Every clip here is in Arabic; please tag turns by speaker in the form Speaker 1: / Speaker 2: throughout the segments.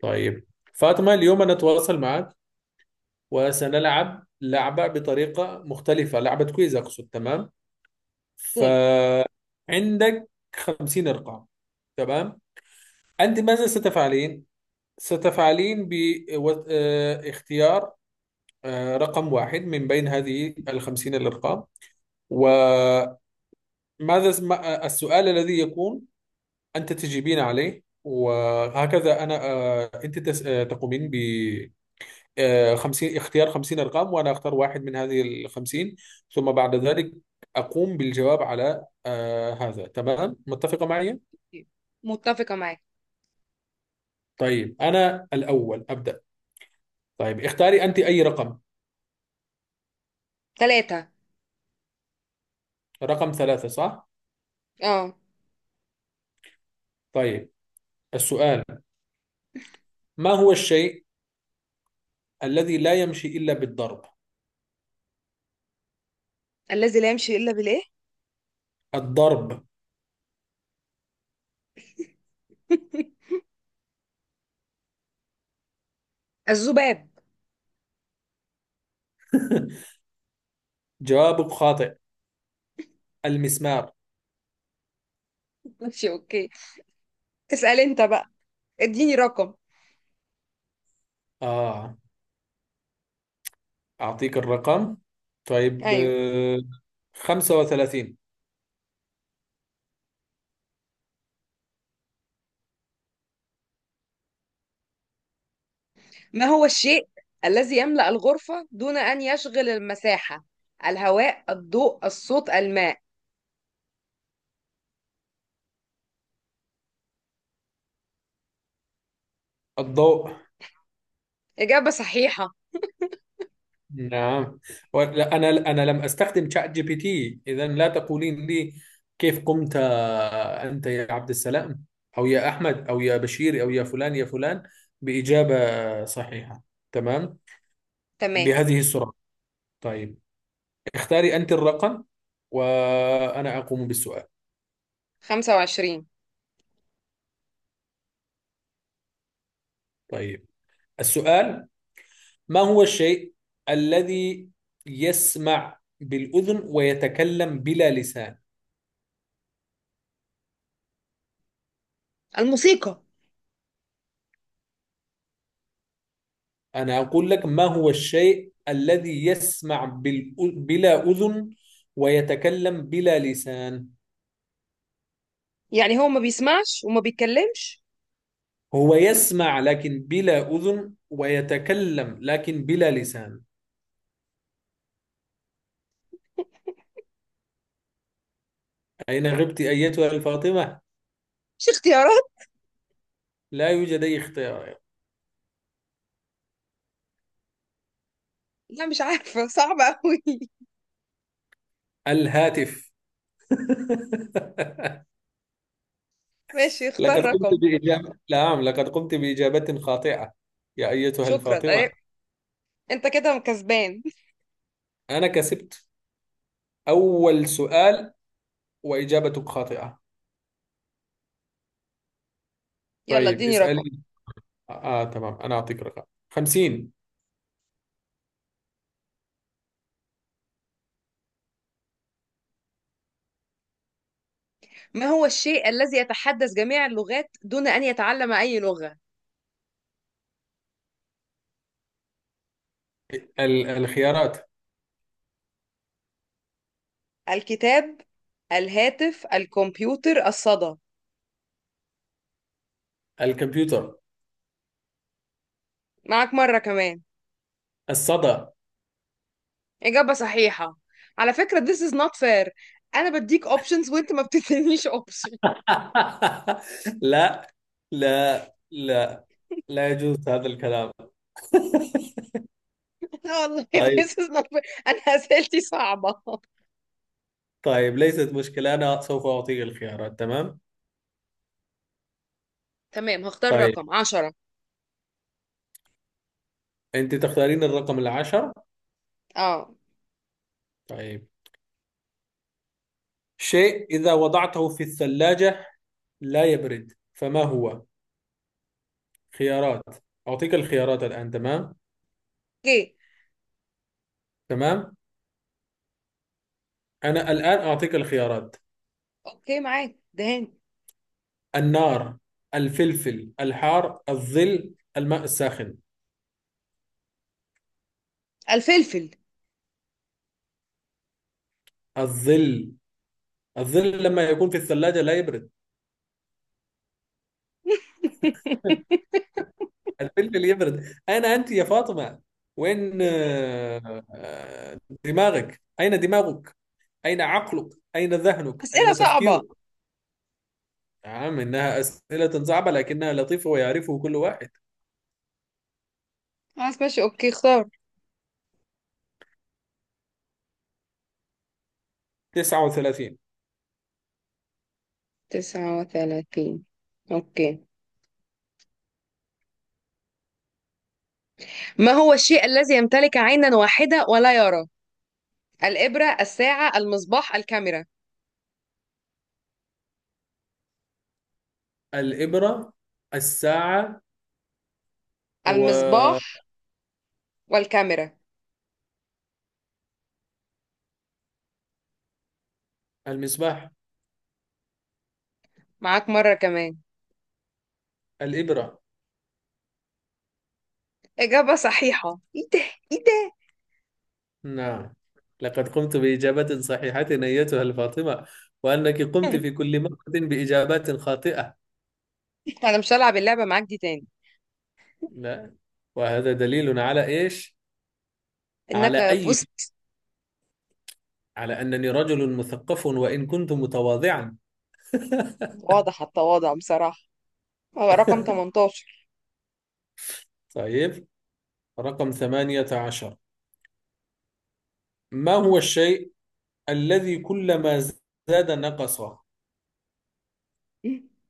Speaker 1: طيب، فاطمة، اليوم أنا أتواصل معك وسنلعب لعبة بطريقة مختلفة، لعبة كويز أقصد. تمام.
Speaker 2: اوكي.
Speaker 1: فعندك 50 رقم. تمام. أنت ماذا ستفعلين؟ ستفعلين باختيار رقم واحد من بين هذه ال50 الأرقام. وماذا السؤال الذي يكون أنت تجيبين عليه. وهكذا أنا، أنت تقومين. 50 اختيار 50 ارقام وانا اختار واحد من هذه ال 50. ثم بعد ذلك اقوم بالجواب على هذا. تمام، متفقه معي؟
Speaker 2: متفقة معاك.
Speaker 1: طيب، انا الاول ابدا. طيب، اختاري انت اي رقم.
Speaker 2: ثلاثة.
Speaker 1: رقم ثلاثة، صح؟
Speaker 2: اه.
Speaker 1: طيب، السؤال: ما هو الشيء الذي لا يمشي الا بالضرب؟
Speaker 2: الذي لا يمشي إلا بالإيه؟
Speaker 1: الضرب.
Speaker 2: الذباب.
Speaker 1: جوابك خاطئ، المسمار.
Speaker 2: ماشي، اوكي. اسأل انت بقى، اديني رقم.
Speaker 1: آه، أعطيك الرقم. طيب،
Speaker 2: ايوه.
Speaker 1: 35.
Speaker 2: ما هو الشيء الذي يملأ الغرفة دون أن يشغل المساحة؟ الهواء، الضوء، الصوت، الماء.
Speaker 1: الضوء،
Speaker 2: إجابة صحيحة.
Speaker 1: نعم. أنا لم أستخدم شات جي بي تي، إذا لا تقولين لي كيف قمت. أنت يا عبد السلام أو يا أحمد أو يا بشير أو يا فلان يا فلان بإجابة صحيحة. تمام،
Speaker 2: تمام.
Speaker 1: بهذه السرعة. طيب، اختاري أنت الرقم وأنا أقوم بالسؤال.
Speaker 2: 25.
Speaker 1: طيب، السؤال: ما هو الشيء الذي يسمع بالأذن ويتكلم بلا لسان؟
Speaker 2: الموسيقى.
Speaker 1: أنا أقول لك: ما هو الشيء الذي يسمع بلا أذن ويتكلم بلا لسان.
Speaker 2: يعني هو ما بيسمعش وما بيتكلمش؟
Speaker 1: هو يسمع لكن بلا أذن ويتكلم لكن بلا لسان. أين غبت أيتها الفاطمة؟
Speaker 2: مش اختيارات؟
Speaker 1: لا يوجد أي اختيار.
Speaker 2: لا، مش عارفة، صعبة أوي.
Speaker 1: الهاتف.
Speaker 2: ماشي، اختار
Speaker 1: لقد قمت
Speaker 2: رقم.
Speaker 1: بإجابة، نعم، لقد قمت بإجابة خاطئة يا أيتها
Speaker 2: شكرا.
Speaker 1: الفاطمة.
Speaker 2: انت كده كسبان.
Speaker 1: أنا كسبت أول سؤال وإجابتك خاطئة.
Speaker 2: يلا
Speaker 1: طيب،
Speaker 2: اديني رقم.
Speaker 1: اسألي. تمام، أنا أعطيك رقم 50.
Speaker 2: ما هو الشيء الذي يتحدث جميع اللغات دون ان يتعلم اي لغة؟
Speaker 1: الخيارات:
Speaker 2: الكتاب، الهاتف، الكمبيوتر، الصدى.
Speaker 1: الكمبيوتر،
Speaker 2: معك مرة كمان.
Speaker 1: الصدى.
Speaker 2: اجابة صحيحة. على فكرة this is not fair. انا بديك options وانت ما بتدينيش option.
Speaker 1: لا لا، لا يجوز هذا الكلام.
Speaker 2: والله
Speaker 1: طيب،
Speaker 2: this is not fair، انا اسئلتي صعبة.
Speaker 1: طيب، ليست مشكلة، أنا سوف أعطيك الخيارات. تمام.
Speaker 2: تمام، هختار
Speaker 1: طيب،
Speaker 2: رقم 10.
Speaker 1: أنت تختارين الرقم العشر.
Speaker 2: اه.
Speaker 1: طيب، شيء إذا وضعته في الثلاجة لا يبرد، فما هو؟ خيارات، أعطيك الخيارات الآن. تمام.
Speaker 2: اوكي.
Speaker 1: تمام، أنا الآن أعطيك الخيارات:
Speaker 2: اوكي، معاك دهان.
Speaker 1: النار، الفلفل الحار، الظل، الماء الساخن.
Speaker 2: الفلفل.
Speaker 1: الظل. الظل لما يكون في الثلاجة لا يبرد، الفلفل يبرد. أين أنت يا فاطمة؟ وين دماغك؟ أين دماغك؟ أين عقلك؟ أين ذهنك؟
Speaker 2: اسئلة
Speaker 1: أين
Speaker 2: صعبة.
Speaker 1: تفكيرك؟ نعم، إنها أسئلة صعبة لكنها لطيفة ويعرفه كل واحد.
Speaker 2: خلاص، ماشي، اوكي، اختار.
Speaker 1: 39.
Speaker 2: 39. أوكي. ما هو الشيء الذي يمتلك عينا واحدة ولا يرى؟ الإبرة، الساعة، المصباح، الكاميرا.
Speaker 1: الإبرة، الساعة،
Speaker 2: المصباح والكاميرا.
Speaker 1: والمصباح.
Speaker 2: معاك مرة كمان.
Speaker 1: الإبرة.
Speaker 2: إجابة صحيحة. إيه ده، إيه ده.
Speaker 1: نعم، لقد قمت بإجابة صحيحة أيتها الفاطمة، وأنك قمت في كل مرة بإجابات خاطئة.
Speaker 2: أنا مش هلعب اللعبة معاك دي تاني.
Speaker 1: لا، وهذا دليل على إيش؟ على
Speaker 2: إنك
Speaker 1: أي،
Speaker 2: فزت.
Speaker 1: على أنني رجل مثقف وإن كنت متواضعا.
Speaker 2: واضح التواضع بصراحة. هو رقم 18.
Speaker 1: طيب، رقم 18. ما هو الشيء الذي كلما زاد نقص؟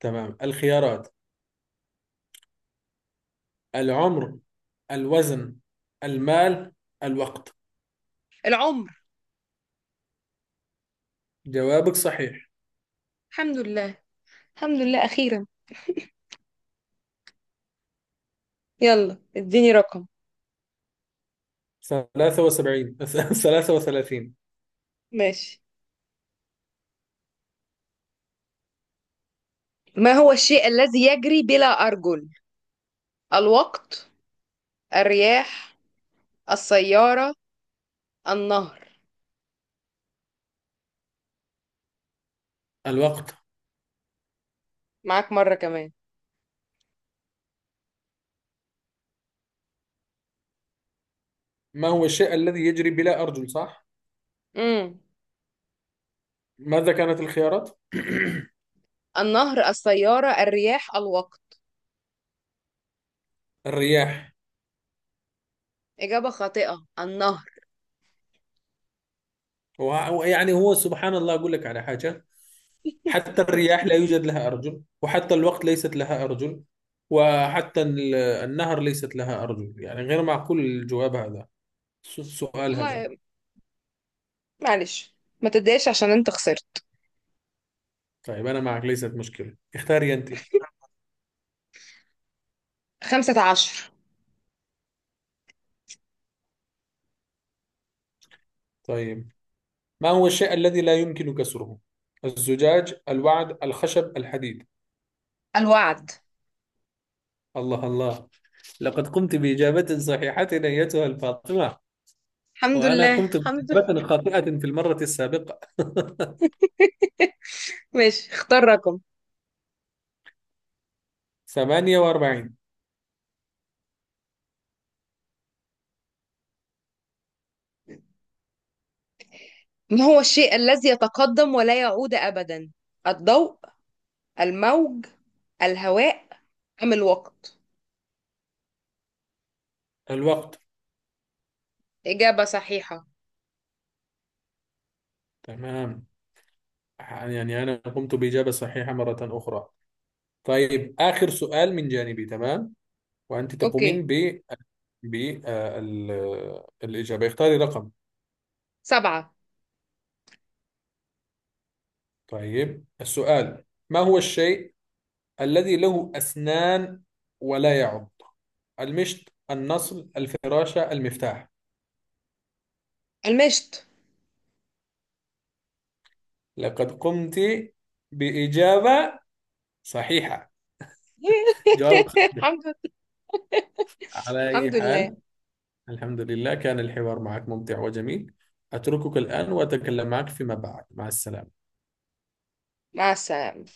Speaker 1: تمام، الخيارات: العمر، الوزن، المال، الوقت.
Speaker 2: العمر.
Speaker 1: جوابك صحيح.
Speaker 2: الحمد لله. الحمد لله أخيرا. يلا اديني رقم.
Speaker 1: 73، 33.
Speaker 2: ماشي. ما هو الشيء الذي يجري بلا أرجل؟ الوقت، الرياح، السيارة، النهر.
Speaker 1: الوقت.
Speaker 2: معاك مرة كمان.
Speaker 1: ما هو الشيء الذي يجري بلا أرجل، صح؟
Speaker 2: امم
Speaker 1: ماذا كانت الخيارات؟
Speaker 2: النهر، السيارة، الرياح، الوقت.
Speaker 1: الرياح.
Speaker 2: إجابة خاطئة. النهر.
Speaker 1: ويعني هو سبحان الله، أقول لك على حاجة، حتى الرياح لا يوجد لها أرجل، وحتى الوقت ليست لها أرجل، وحتى النهر ليست لها أرجل، يعني غير معقول الجواب هذا، السؤال هذا.
Speaker 2: والله، معلش، ما تتضايقش عشان انت خسرت.
Speaker 1: طيب، أنا معك، ليست مشكلة، اختاري أنت.
Speaker 2: 15.
Speaker 1: طيب، ما هو الشيء الذي لا يمكن كسره؟ الزجاج، الوعد، الخشب، الحديد.
Speaker 2: الوعد.
Speaker 1: الله الله، لقد قمت بإجابة صحيحة أيتها الفاطمة،
Speaker 2: الحمد
Speaker 1: وأنا
Speaker 2: لله،
Speaker 1: قمت
Speaker 2: الحمد لله.
Speaker 1: بإجابة خاطئة في المرة السابقة.
Speaker 2: ماشي، اختار رقم.
Speaker 1: 48.
Speaker 2: ما هو الشيء الذي يتقدم ولا يعود أبدا؟ الضوء، الموج، الهواء، أم الوقت؟
Speaker 1: الوقت.
Speaker 2: إجابة صحيحة.
Speaker 1: تمام، يعني أنا قمت بإجابة صحيحة مرة أخرى. طيب، آخر سؤال من جانبي، تمام. وأنت
Speaker 2: أوكي.
Speaker 1: تقومين ب، ب، الإجابة. اختاري رقم.
Speaker 2: سبعة.
Speaker 1: طيب، السؤال: ما هو الشيء الذي له أسنان ولا يعض؟ المشط، النصل، الفراشة، المفتاح.
Speaker 2: المشت.
Speaker 1: لقد قمت بإجابة صحيحة. جوابك صحيح.
Speaker 2: الحمد لله.
Speaker 1: على أي
Speaker 2: الحمد لله.
Speaker 1: حال، الحمد لله كان الحوار معك ممتع وجميل. أتركك الآن وأتكلم معك فيما بعد. مع السلامة.
Speaker 2: مع السلامة.